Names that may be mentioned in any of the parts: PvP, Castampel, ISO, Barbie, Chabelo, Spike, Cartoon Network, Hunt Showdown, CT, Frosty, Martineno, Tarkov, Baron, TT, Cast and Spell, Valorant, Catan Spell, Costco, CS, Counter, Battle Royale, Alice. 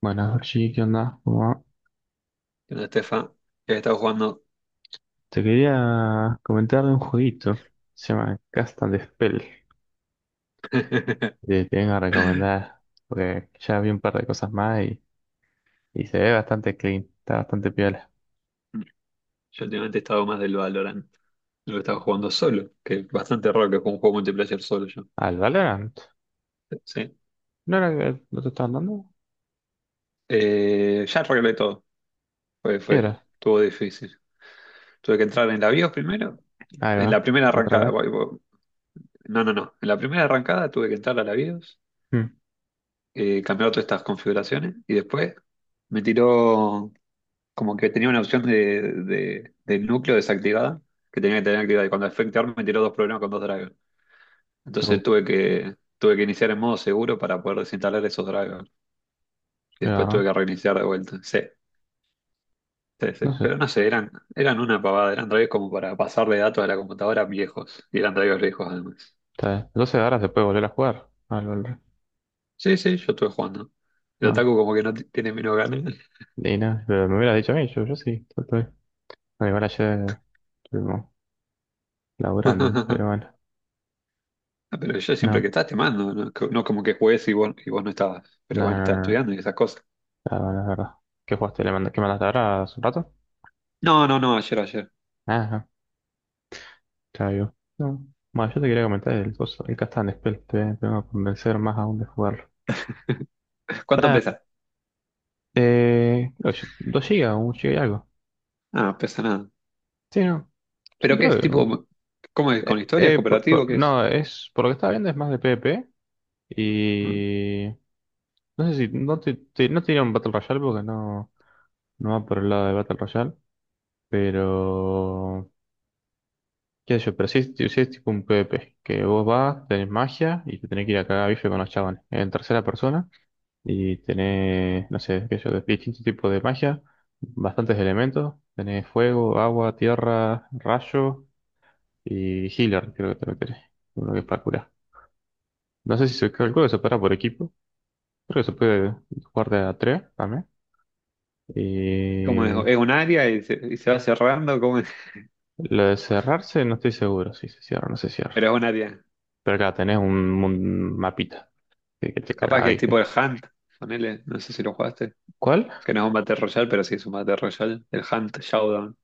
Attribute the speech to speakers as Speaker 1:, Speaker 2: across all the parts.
Speaker 1: Bueno, Georgie, ¿qué onda? ¿Cómo va?
Speaker 2: ¿Qué onda, Estefa? ¿Qué has estado jugando?
Speaker 1: Te quería comentar de un jueguito, se llama Cast and Spell, que te vengo a recomendar, porque ya vi un par de cosas más y se ve bastante clean, está bastante piola.
Speaker 2: Yo últimamente he estado más del Valorant. Lo he estado jugando solo, que es bastante raro que juegue un juego multiplayer solo yo.
Speaker 1: ¿Al Valorant?
Speaker 2: Sí.
Speaker 1: ¿No era que no te estaban dando?
Speaker 2: Ya arreglé todo. Fue,
Speaker 1: ¿Qué
Speaker 2: fue,
Speaker 1: era?
Speaker 2: estuvo difícil. Tuve que entrar en la BIOS primero.
Speaker 1: Ahí
Speaker 2: En
Speaker 1: va,
Speaker 2: la primera
Speaker 1: otra
Speaker 2: arrancada.
Speaker 1: vez.
Speaker 2: No, no, no. En la primera arrancada tuve que entrar a la BIOS,
Speaker 1: Hmm,
Speaker 2: cambiar todas estas configuraciones y después me tiró. Como que tenía una opción del núcleo desactivada, que tenía que tener activada. Y cuando Effect Arm me tiró 2 problemas con 2 drivers.
Speaker 1: uh,
Speaker 2: Entonces tuve que iniciar en modo seguro para poder desinstalar esos drivers. Y
Speaker 1: Qué
Speaker 2: después tuve
Speaker 1: garrón.
Speaker 2: que reiniciar de vuelta. Sí, sí, sí.
Speaker 1: No sé,
Speaker 2: Pero no sé, eran una pavada. Eran drivers como para pasarle datos a la computadora viejos. Y eran drivers viejos además.
Speaker 1: está bien. 12 horas se puede volver a jugar al Valorant.
Speaker 2: Sí, sí, yo estuve jugando. El
Speaker 1: Banco.
Speaker 2: Otaku como que no t- tiene menos ganas.
Speaker 1: Y no, pero me hubieras dicho a mí, yo sí, yo estoy. Bueno, igual ayer estuvimos laburando, pero bueno,
Speaker 2: Ah, pero yo siempre que
Speaker 1: no,
Speaker 2: estás te mando, no, no como que juegues y vos no estabas. Pero
Speaker 1: no, no.
Speaker 2: bueno, estás
Speaker 1: No, no.
Speaker 2: estudiando y esas cosas.
Speaker 1: Claro, es verdad. ¿Qué jugaste? ¿Le manda- ¿Qué mandaste ahora hace un rato?
Speaker 2: No, no, no, ayer.
Speaker 1: Ajá, claro, yo. No. Bueno, yo te quería comentar el coso, el Catan Spell, te voy a convencer más aún de jugarlo.
Speaker 2: ¿Cuánto
Speaker 1: Está,
Speaker 2: pesa?
Speaker 1: oye, 2 gigas, un giga y algo.
Speaker 2: Ah, pesa nada.
Speaker 1: Sí, no. Sí,
Speaker 2: ¿Pero qué
Speaker 1: creo
Speaker 2: es
Speaker 1: que.
Speaker 2: tipo? ¿Cómo es? ¿Con historias? ¿Cooperativo? ¿Qué es?
Speaker 1: No, es. Por lo que estaba viendo es más de PvP. Y. No sé si. No te, te- no te diría un Battle Royale porque no. No va por el lado de Battle Royale. Pero. ¿Qué sé yo? Pero sí es tipo un PvP, que vos vas, tenés magia y te tenés que ir a cagar a bife con los chavales. En tercera persona y tenés, no sé, qué sé yo, distintos tipos de magia, bastantes elementos. Tenés fuego, agua, tierra, rayo y healer, creo que también tenés. Uno que es para curar. No sé si se calcula que se para por equipo. Creo que se puede jugar de a tres también.
Speaker 2: ¿Cómo es?
Speaker 1: Y
Speaker 2: ¿Es un área y se va cerrando? ¿Cómo es?
Speaker 1: lo de cerrarse no estoy seguro si se cierra o no se cierra.
Speaker 2: Pero es un área.
Speaker 1: Pero acá tenés un mapita que te caga
Speaker 2: Capaz
Speaker 1: a
Speaker 2: que es tipo
Speaker 1: bife.
Speaker 2: el Hunt, ponele, no sé si lo jugaste.
Speaker 1: ¿Cuál?
Speaker 2: Que no es un Battle Royale, pero sí es un Battle Royale. El Hunt Showdown.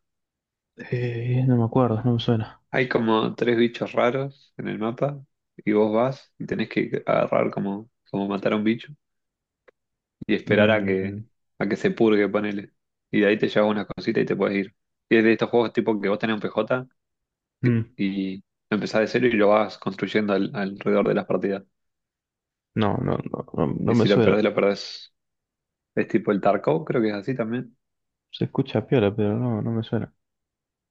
Speaker 1: No me acuerdo, no me suena.
Speaker 2: Hay como 3 bichos raros en el mapa y vos vas y tenés que agarrar como matar a un bicho y esperar
Speaker 1: Mm,
Speaker 2: a que se purgue, ponele. Y de ahí te llevas una cosita y te puedes ir. Y es de estos juegos tipo que vos tenés un PJ
Speaker 1: mm,
Speaker 2: y empezás de cero y lo vas construyendo alrededor de las partidas.
Speaker 1: no, no, no, no, no
Speaker 2: Y
Speaker 1: me
Speaker 2: si lo
Speaker 1: suena.
Speaker 2: perdés, lo perdés. Es tipo el Tarkov, creo que es así también.
Speaker 1: Se escucha piola, pero no, no me suena.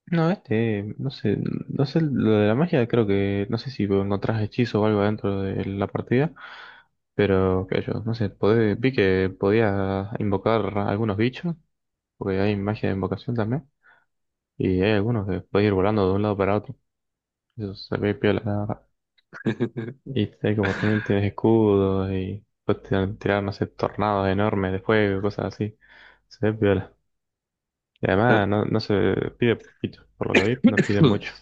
Speaker 1: No, este, no sé, no sé, lo de la magia creo que, no sé si encontrás hechizo o algo dentro de la partida, pero qué sé yo, no sé, podés- vi que podías invocar algunos bichos, porque hay magia de invocación también, y hay algunos que podés ir volando de un lado para otro. Eso se ve piola, la verdad. Y este, como también tienes escudos y puedes tirar, no sé, tornados enormes de fuego, cosas así. Se ve piola. Y además
Speaker 2: Ah,
Speaker 1: no, no se pide poquito, por lo que vi, no pide mucho.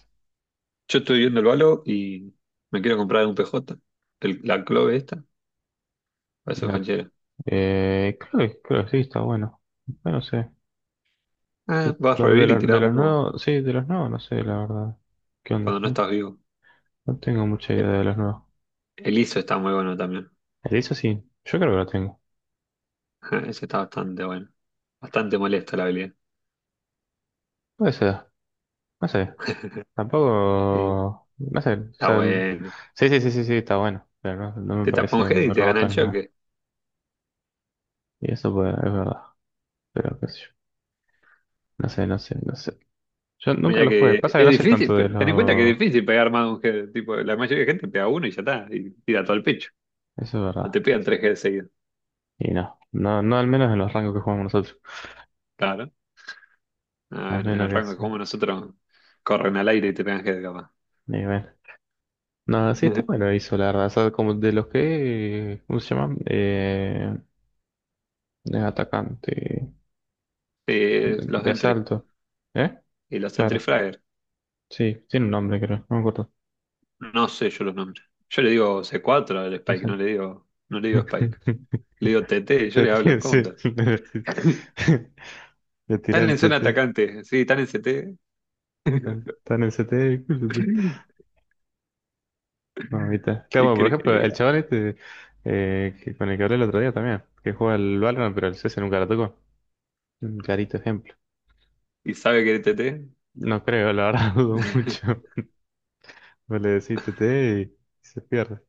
Speaker 2: yo estoy viendo el balo y me quiero comprar un PJ. La clave esta parece
Speaker 1: La-
Speaker 2: banchera.
Speaker 1: creo que sí, está bueno. Bueno, no sé.
Speaker 2: Ah,
Speaker 1: Que
Speaker 2: vas a
Speaker 1: los de,
Speaker 2: revivir y
Speaker 1: los de
Speaker 2: tirás
Speaker 1: los
Speaker 2: humo
Speaker 1: nuevos, sí, de los nuevos, no sé, la verdad. ¿Qué onda?
Speaker 2: cuando no
Speaker 1: No,
Speaker 2: estás vivo.
Speaker 1: no tengo mucha idea
Speaker 2: E-
Speaker 1: de los nuevos.
Speaker 2: El ISO está muy bueno también.
Speaker 1: El eso sí, yo creo que lo tengo.
Speaker 2: Ese está bastante bueno. Bastante molesta la habilidad.
Speaker 1: Puede ser, no sé.
Speaker 2: Eh,
Speaker 1: Tampoco, no sé, o
Speaker 2: Está
Speaker 1: sea,
Speaker 2: bueno.
Speaker 1: sí, sí, sí, sí, sí, está bueno, pero no, no me
Speaker 2: Te tapa un
Speaker 1: parece
Speaker 2: head
Speaker 1: muy
Speaker 2: y te gana
Speaker 1: roto
Speaker 2: el
Speaker 1: ni nada.
Speaker 2: choque.
Speaker 1: Y eso pues, es verdad, pero qué sé yo, no sé, no sé, no sé. Yo nunca
Speaker 2: Mira
Speaker 1: lo jugué,
Speaker 2: que
Speaker 1: pasa que
Speaker 2: es
Speaker 1: no soy tanto
Speaker 2: difícil,
Speaker 1: de
Speaker 2: pero ten en cuenta que
Speaker 1: los...
Speaker 2: es difícil pegar más de un head. Tipo, la mayoría de gente pega uno y ya está, y tira todo el pecho.
Speaker 1: Eso es
Speaker 2: No
Speaker 1: verdad.
Speaker 2: te pegan 3 heads seguidos.
Speaker 1: Y no, no, no al menos en los rangos que jugamos nosotros,
Speaker 2: Claro. Ah,
Speaker 1: al
Speaker 2: en el
Speaker 1: menos que
Speaker 2: rango
Speaker 1: sea
Speaker 2: como nosotros corren al aire y te pegan head capaz.
Speaker 1: nivel. No, sí está bueno hizo, la verdad, o sea, como de los que, ¿cómo se llaman? De atacante,
Speaker 2: Los
Speaker 1: de
Speaker 2: entry
Speaker 1: asalto, ¿eh?
Speaker 2: y los entry
Speaker 1: Claro,
Speaker 2: fragger.
Speaker 1: sí, tiene un nombre creo, no me acuerdo.
Speaker 2: No sé yo los nombres. Yo le digo c cuatro al Spike, no le digo Spike. Le digo TT, yo
Speaker 1: Te
Speaker 2: le hablo en
Speaker 1: tira, sí,
Speaker 2: counter.
Speaker 1: le decís.
Speaker 2: Están
Speaker 1: Le tira el
Speaker 2: en zona
Speaker 1: tete.
Speaker 2: atacante, sí, están en CT.
Speaker 1: Tan, tan el CT. Mamita. Claro,
Speaker 2: ¿Y
Speaker 1: bueno, por
Speaker 2: crees que
Speaker 1: ejemplo,
Speaker 2: le
Speaker 1: el chaval este que con el que hablé el otro día también, que juega al Valorant, pero el CS nunca lo tocó. Un clarito ejemplo.
Speaker 2: y sabe que TT?
Speaker 1: No creo, la verdad, dudo mucho. Vos le decís TT y se pierde.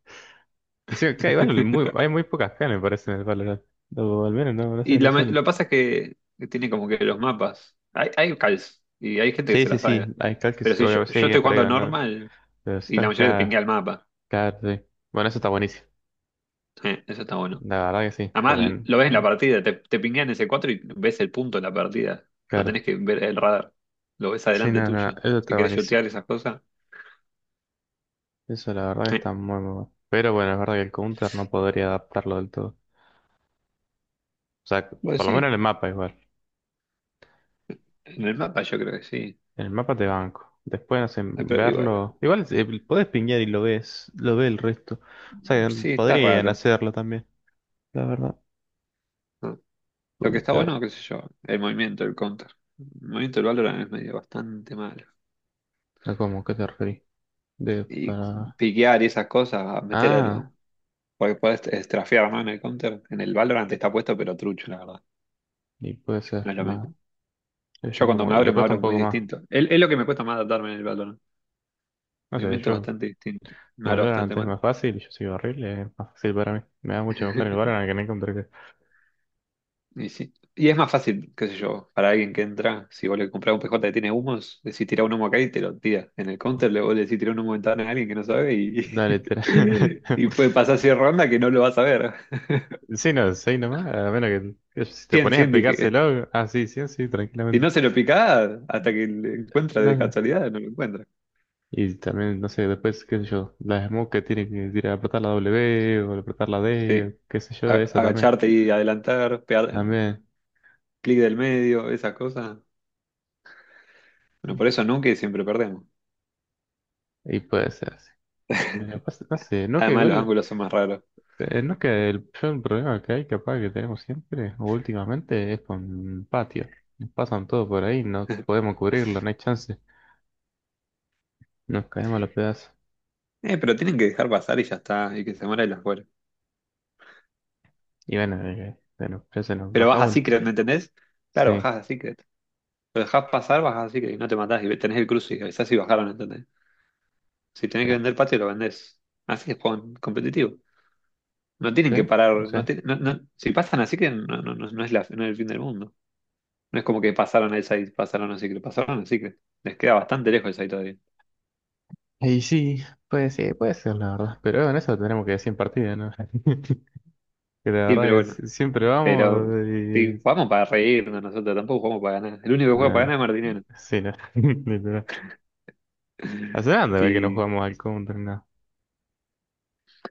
Speaker 1: Encima, claro, igual, muy, hay muy pocas canes, me parece, en el Valorant. O al menos, no, no
Speaker 2: Y
Speaker 1: sé, no
Speaker 2: lo
Speaker 1: suelen.
Speaker 2: que pasa es que tiene como que los mapas. Hay calls y hay gente que
Speaker 1: Sí,
Speaker 2: se
Speaker 1: sí,
Speaker 2: la sabe.
Speaker 1: sí, hay cal que
Speaker 2: Pero si yo,
Speaker 1: se-
Speaker 2: yo
Speaker 1: sí,
Speaker 2: estoy
Speaker 1: pero
Speaker 2: jugando
Speaker 1: digo, no.
Speaker 2: normal
Speaker 1: Pero si
Speaker 2: y
Speaker 1: estás
Speaker 2: la mayoría te pinguea
Speaker 1: acá,
Speaker 2: el mapa.
Speaker 1: acá, sí. Bueno, eso está buenísimo.
Speaker 2: Eso está bueno.
Speaker 1: La verdad que sí,
Speaker 2: Además,
Speaker 1: porque, en-
Speaker 2: lo ves en la partida, te pinguean ese 4 y ves el punto en la partida. No
Speaker 1: claro,
Speaker 2: tenés que ver el radar. Lo ves
Speaker 1: sí,
Speaker 2: adelante
Speaker 1: nada
Speaker 2: tuyo.
Speaker 1: no, eso
Speaker 2: Si
Speaker 1: está
Speaker 2: querés
Speaker 1: buenísimo.
Speaker 2: shotear esas cosas.
Speaker 1: Eso la verdad que
Speaker 2: eh.
Speaker 1: está muy, muy bueno. Pero bueno, es verdad que el counter no podría adaptarlo del todo. O sea,
Speaker 2: Bueno,
Speaker 1: por lo menos
Speaker 2: sí,
Speaker 1: en el mapa igual.
Speaker 2: en el mapa yo creo que sí.
Speaker 1: En el mapa te banco. Después, no sé,
Speaker 2: Pero igual,
Speaker 1: verlo. Igual podés pinguear y lo ves, lo ve el resto. O sea, que
Speaker 2: sí, está
Speaker 1: podrían
Speaker 2: raro.
Speaker 1: hacerlo también, la verdad.
Speaker 2: No, lo que está
Speaker 1: Porque,
Speaker 2: bueno, qué sé yo, el movimiento, el counter. El movimiento del Valorant es medio bastante malo.
Speaker 1: ah, ¿cómo? ¿Qué te referís? De
Speaker 2: Y
Speaker 1: para...
Speaker 2: piquear y esas cosas,
Speaker 1: Ah,
Speaker 2: meterlo. Porque podés estrafear, ¿no? En el counter. En el Valorant está puesto, pero trucho, la verdad.
Speaker 1: y puede
Speaker 2: No
Speaker 1: ser
Speaker 2: es lo
Speaker 1: más.
Speaker 2: mismo. Yo
Speaker 1: Ellos
Speaker 2: cuando
Speaker 1: como, le
Speaker 2: me
Speaker 1: cuesta
Speaker 2: abro
Speaker 1: un
Speaker 2: muy
Speaker 1: poco más.
Speaker 2: distinto. Es lo que me cuesta más adaptarme en el Valorant.
Speaker 1: No
Speaker 2: El
Speaker 1: sé,
Speaker 2: movimiento es
Speaker 1: yo
Speaker 2: bastante distinto. Me
Speaker 1: como el
Speaker 2: abro
Speaker 1: Valorant
Speaker 2: bastante
Speaker 1: es
Speaker 2: mal.
Speaker 1: más fácil, yo soy horrible, es más fácil para mí. Me da mucho mejor el Valorant que no encontré.
Speaker 2: Y, sí. Y es más fácil, qué sé yo, para alguien que entra, si vos le comprás un PJ que tiene humos, decís tira un humo acá y te lo tira. En el counter le vos le decís tira un humo de ventana a alguien que no sabe y,
Speaker 1: No, literal.
Speaker 2: y puede pasar 100 rondas que no lo vas a ver.
Speaker 1: Sí, no, seis nomás, a menos que si te
Speaker 2: 100,
Speaker 1: pones a
Speaker 2: 100 dije.
Speaker 1: explicárselo, ah, sí, sí, sí,
Speaker 2: Si
Speaker 1: tranquilamente.
Speaker 2: no se lo picás hasta que le encuentra de
Speaker 1: No,
Speaker 2: casualidad, no lo encuentra.
Speaker 1: y también, no sé, después, qué sé yo, la smoke que tiene que tirar, apretar la W o apretar la
Speaker 2: Sí.
Speaker 1: D, o qué sé
Speaker 2: A-
Speaker 1: yo, esa también,
Speaker 2: Agacharte y adelantar, pegar
Speaker 1: también,
Speaker 2: clic del medio, esas cosas. Bueno, por eso nunca y siempre perdemos.
Speaker 1: y puede ser así. Bueno, pasa- no sé, no que
Speaker 2: Además los
Speaker 1: igual.
Speaker 2: ángulos son más raros.
Speaker 1: No que el yo el problema que hay, capaz que tenemos siempre, o últimamente, es con patio. Nos pasan todo por ahí, no podemos cubrirlo, no hay chance. Nos caemos a los pedazos.
Speaker 2: Pero tienen que dejar pasar y ya está, y que se muera y las.
Speaker 1: Y bueno, bueno, ya se nos
Speaker 2: Pero
Speaker 1: baja
Speaker 2: vas a
Speaker 1: uno.
Speaker 2: Secret, ¿me entendés? Claro,
Speaker 1: Sí,
Speaker 2: bajás a Secret. Lo dejás pasar, bajás a Secret y no te matás y tenés el cruce y avisás si bajaron, ¿entendés? Si tenés que
Speaker 1: claro.
Speaker 2: vender patio, lo vendés. Así es juego competitivo. No tienen que
Speaker 1: ¿Sí? No
Speaker 2: parar.
Speaker 1: sé.
Speaker 2: Si pasan a Secret, no, no, no, no es no es el fin del mundo. No es como que pasaron a esa y pasaron a Secret. Pasaron a Secret. Les queda bastante lejos esa todavía.
Speaker 1: Y sí, puede ser, la verdad. Pero en eso tenemos que decir en partida, ¿no? Que la
Speaker 2: Sí,
Speaker 1: verdad
Speaker 2: pero
Speaker 1: es
Speaker 2: bueno.
Speaker 1: siempre
Speaker 2: Pero
Speaker 1: vamos
Speaker 2: sí,
Speaker 1: y...
Speaker 2: jugamos para reírnos nosotros, tampoco jugamos para ganar. El único que juega para
Speaker 1: No,
Speaker 2: ganar es Martineno.
Speaker 1: sí, no. Literal. Hace nada de ver que no
Speaker 2: Sí.
Speaker 1: jugamos al counter, nada.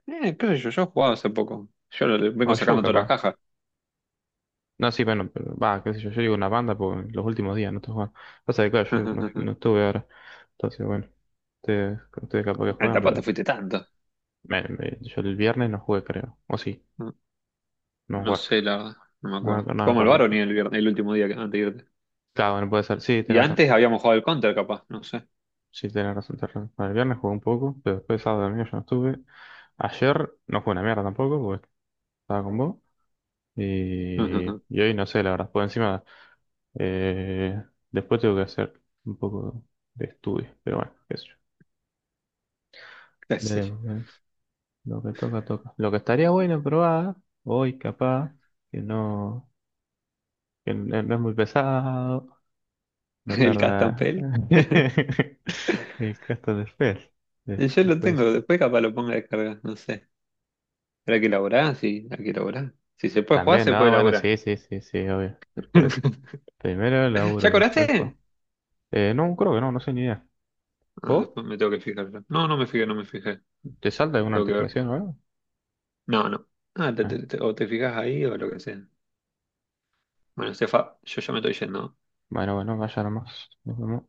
Speaker 2: Qué sé yo, yo he jugado hace poco. Le
Speaker 1: O
Speaker 2: vengo
Speaker 1: yo,
Speaker 2: sacando todas las
Speaker 1: capaz.
Speaker 2: cajas.
Speaker 1: No, sí, bueno, pero va, qué sé yo, yo digo una banda porque los últimos días no estoy jugando. Pasa que, claro, yo no, no estuve ahora. Entonces, bueno, ustedes capaz que
Speaker 2: Ah,
Speaker 1: juegan,
Speaker 2: tampoco
Speaker 1: pero
Speaker 2: te
Speaker 1: yo,
Speaker 2: fuiste tanto.
Speaker 1: me- me- yo el viernes no jugué, creo. O sí,
Speaker 2: No,
Speaker 1: no
Speaker 2: no
Speaker 1: jugar.
Speaker 2: sé, la verdad, no me
Speaker 1: No, me
Speaker 2: acuerdo.
Speaker 1: ac- no me
Speaker 2: Jugamos al
Speaker 1: acuerdo.
Speaker 2: Baron y el último día, que, antes de irte.
Speaker 1: Claro, bueno, puede ser. Sí,
Speaker 2: Y
Speaker 1: tenés razón.
Speaker 2: antes habíamos jugado al Counter, capaz, no sé.
Speaker 1: Sí, tenés razón. Bueno, el viernes jugué un poco, pero después sábado y domingo yo no estuve. Ayer no jugué una mierda tampoco, porque estaba con vos. Y hoy no sé, la verdad. Por encima, eh, después tengo que hacer un poco de estudio, pero bueno, qué sé yo.
Speaker 2: ¿Qué sé yo?
Speaker 1: Veremos. Lo que toca, toca. Lo que estaría bueno probar hoy, capaz, que no, que no no es muy pesado, no
Speaker 2: El
Speaker 1: tarda
Speaker 2: Castampel.
Speaker 1: el gasto de fe. De-
Speaker 2: Yo
Speaker 1: se
Speaker 2: lo
Speaker 1: puede decir.
Speaker 2: tengo, después capaz lo ponga a descargar, no sé. ¿Será que elaborás? Sí, hay que elaborar. Si se puede jugar,
Speaker 1: También,
Speaker 2: se puede
Speaker 1: no, bueno,
Speaker 2: elaborar.
Speaker 1: sí, sí, sí, sí, obvio. Después, primero el
Speaker 2: ¿Ya
Speaker 1: laburo, después
Speaker 2: cobraste?
Speaker 1: juego. No, creo que no, no sé ni idea.
Speaker 2: Ah,
Speaker 1: ¿Vos?
Speaker 2: después me tengo que fijar. Yo. No, no me fijé, no me fijé.
Speaker 1: ¿Te salta alguna
Speaker 2: Tengo que ver.
Speaker 1: notificación o algo?
Speaker 2: No, no. Ah,
Speaker 1: Ah,
Speaker 2: o te fijas ahí o lo que sea. Bueno, Estefa, yo ya me estoy yendo.
Speaker 1: bueno, bueno, vaya nomás. Nos vemos.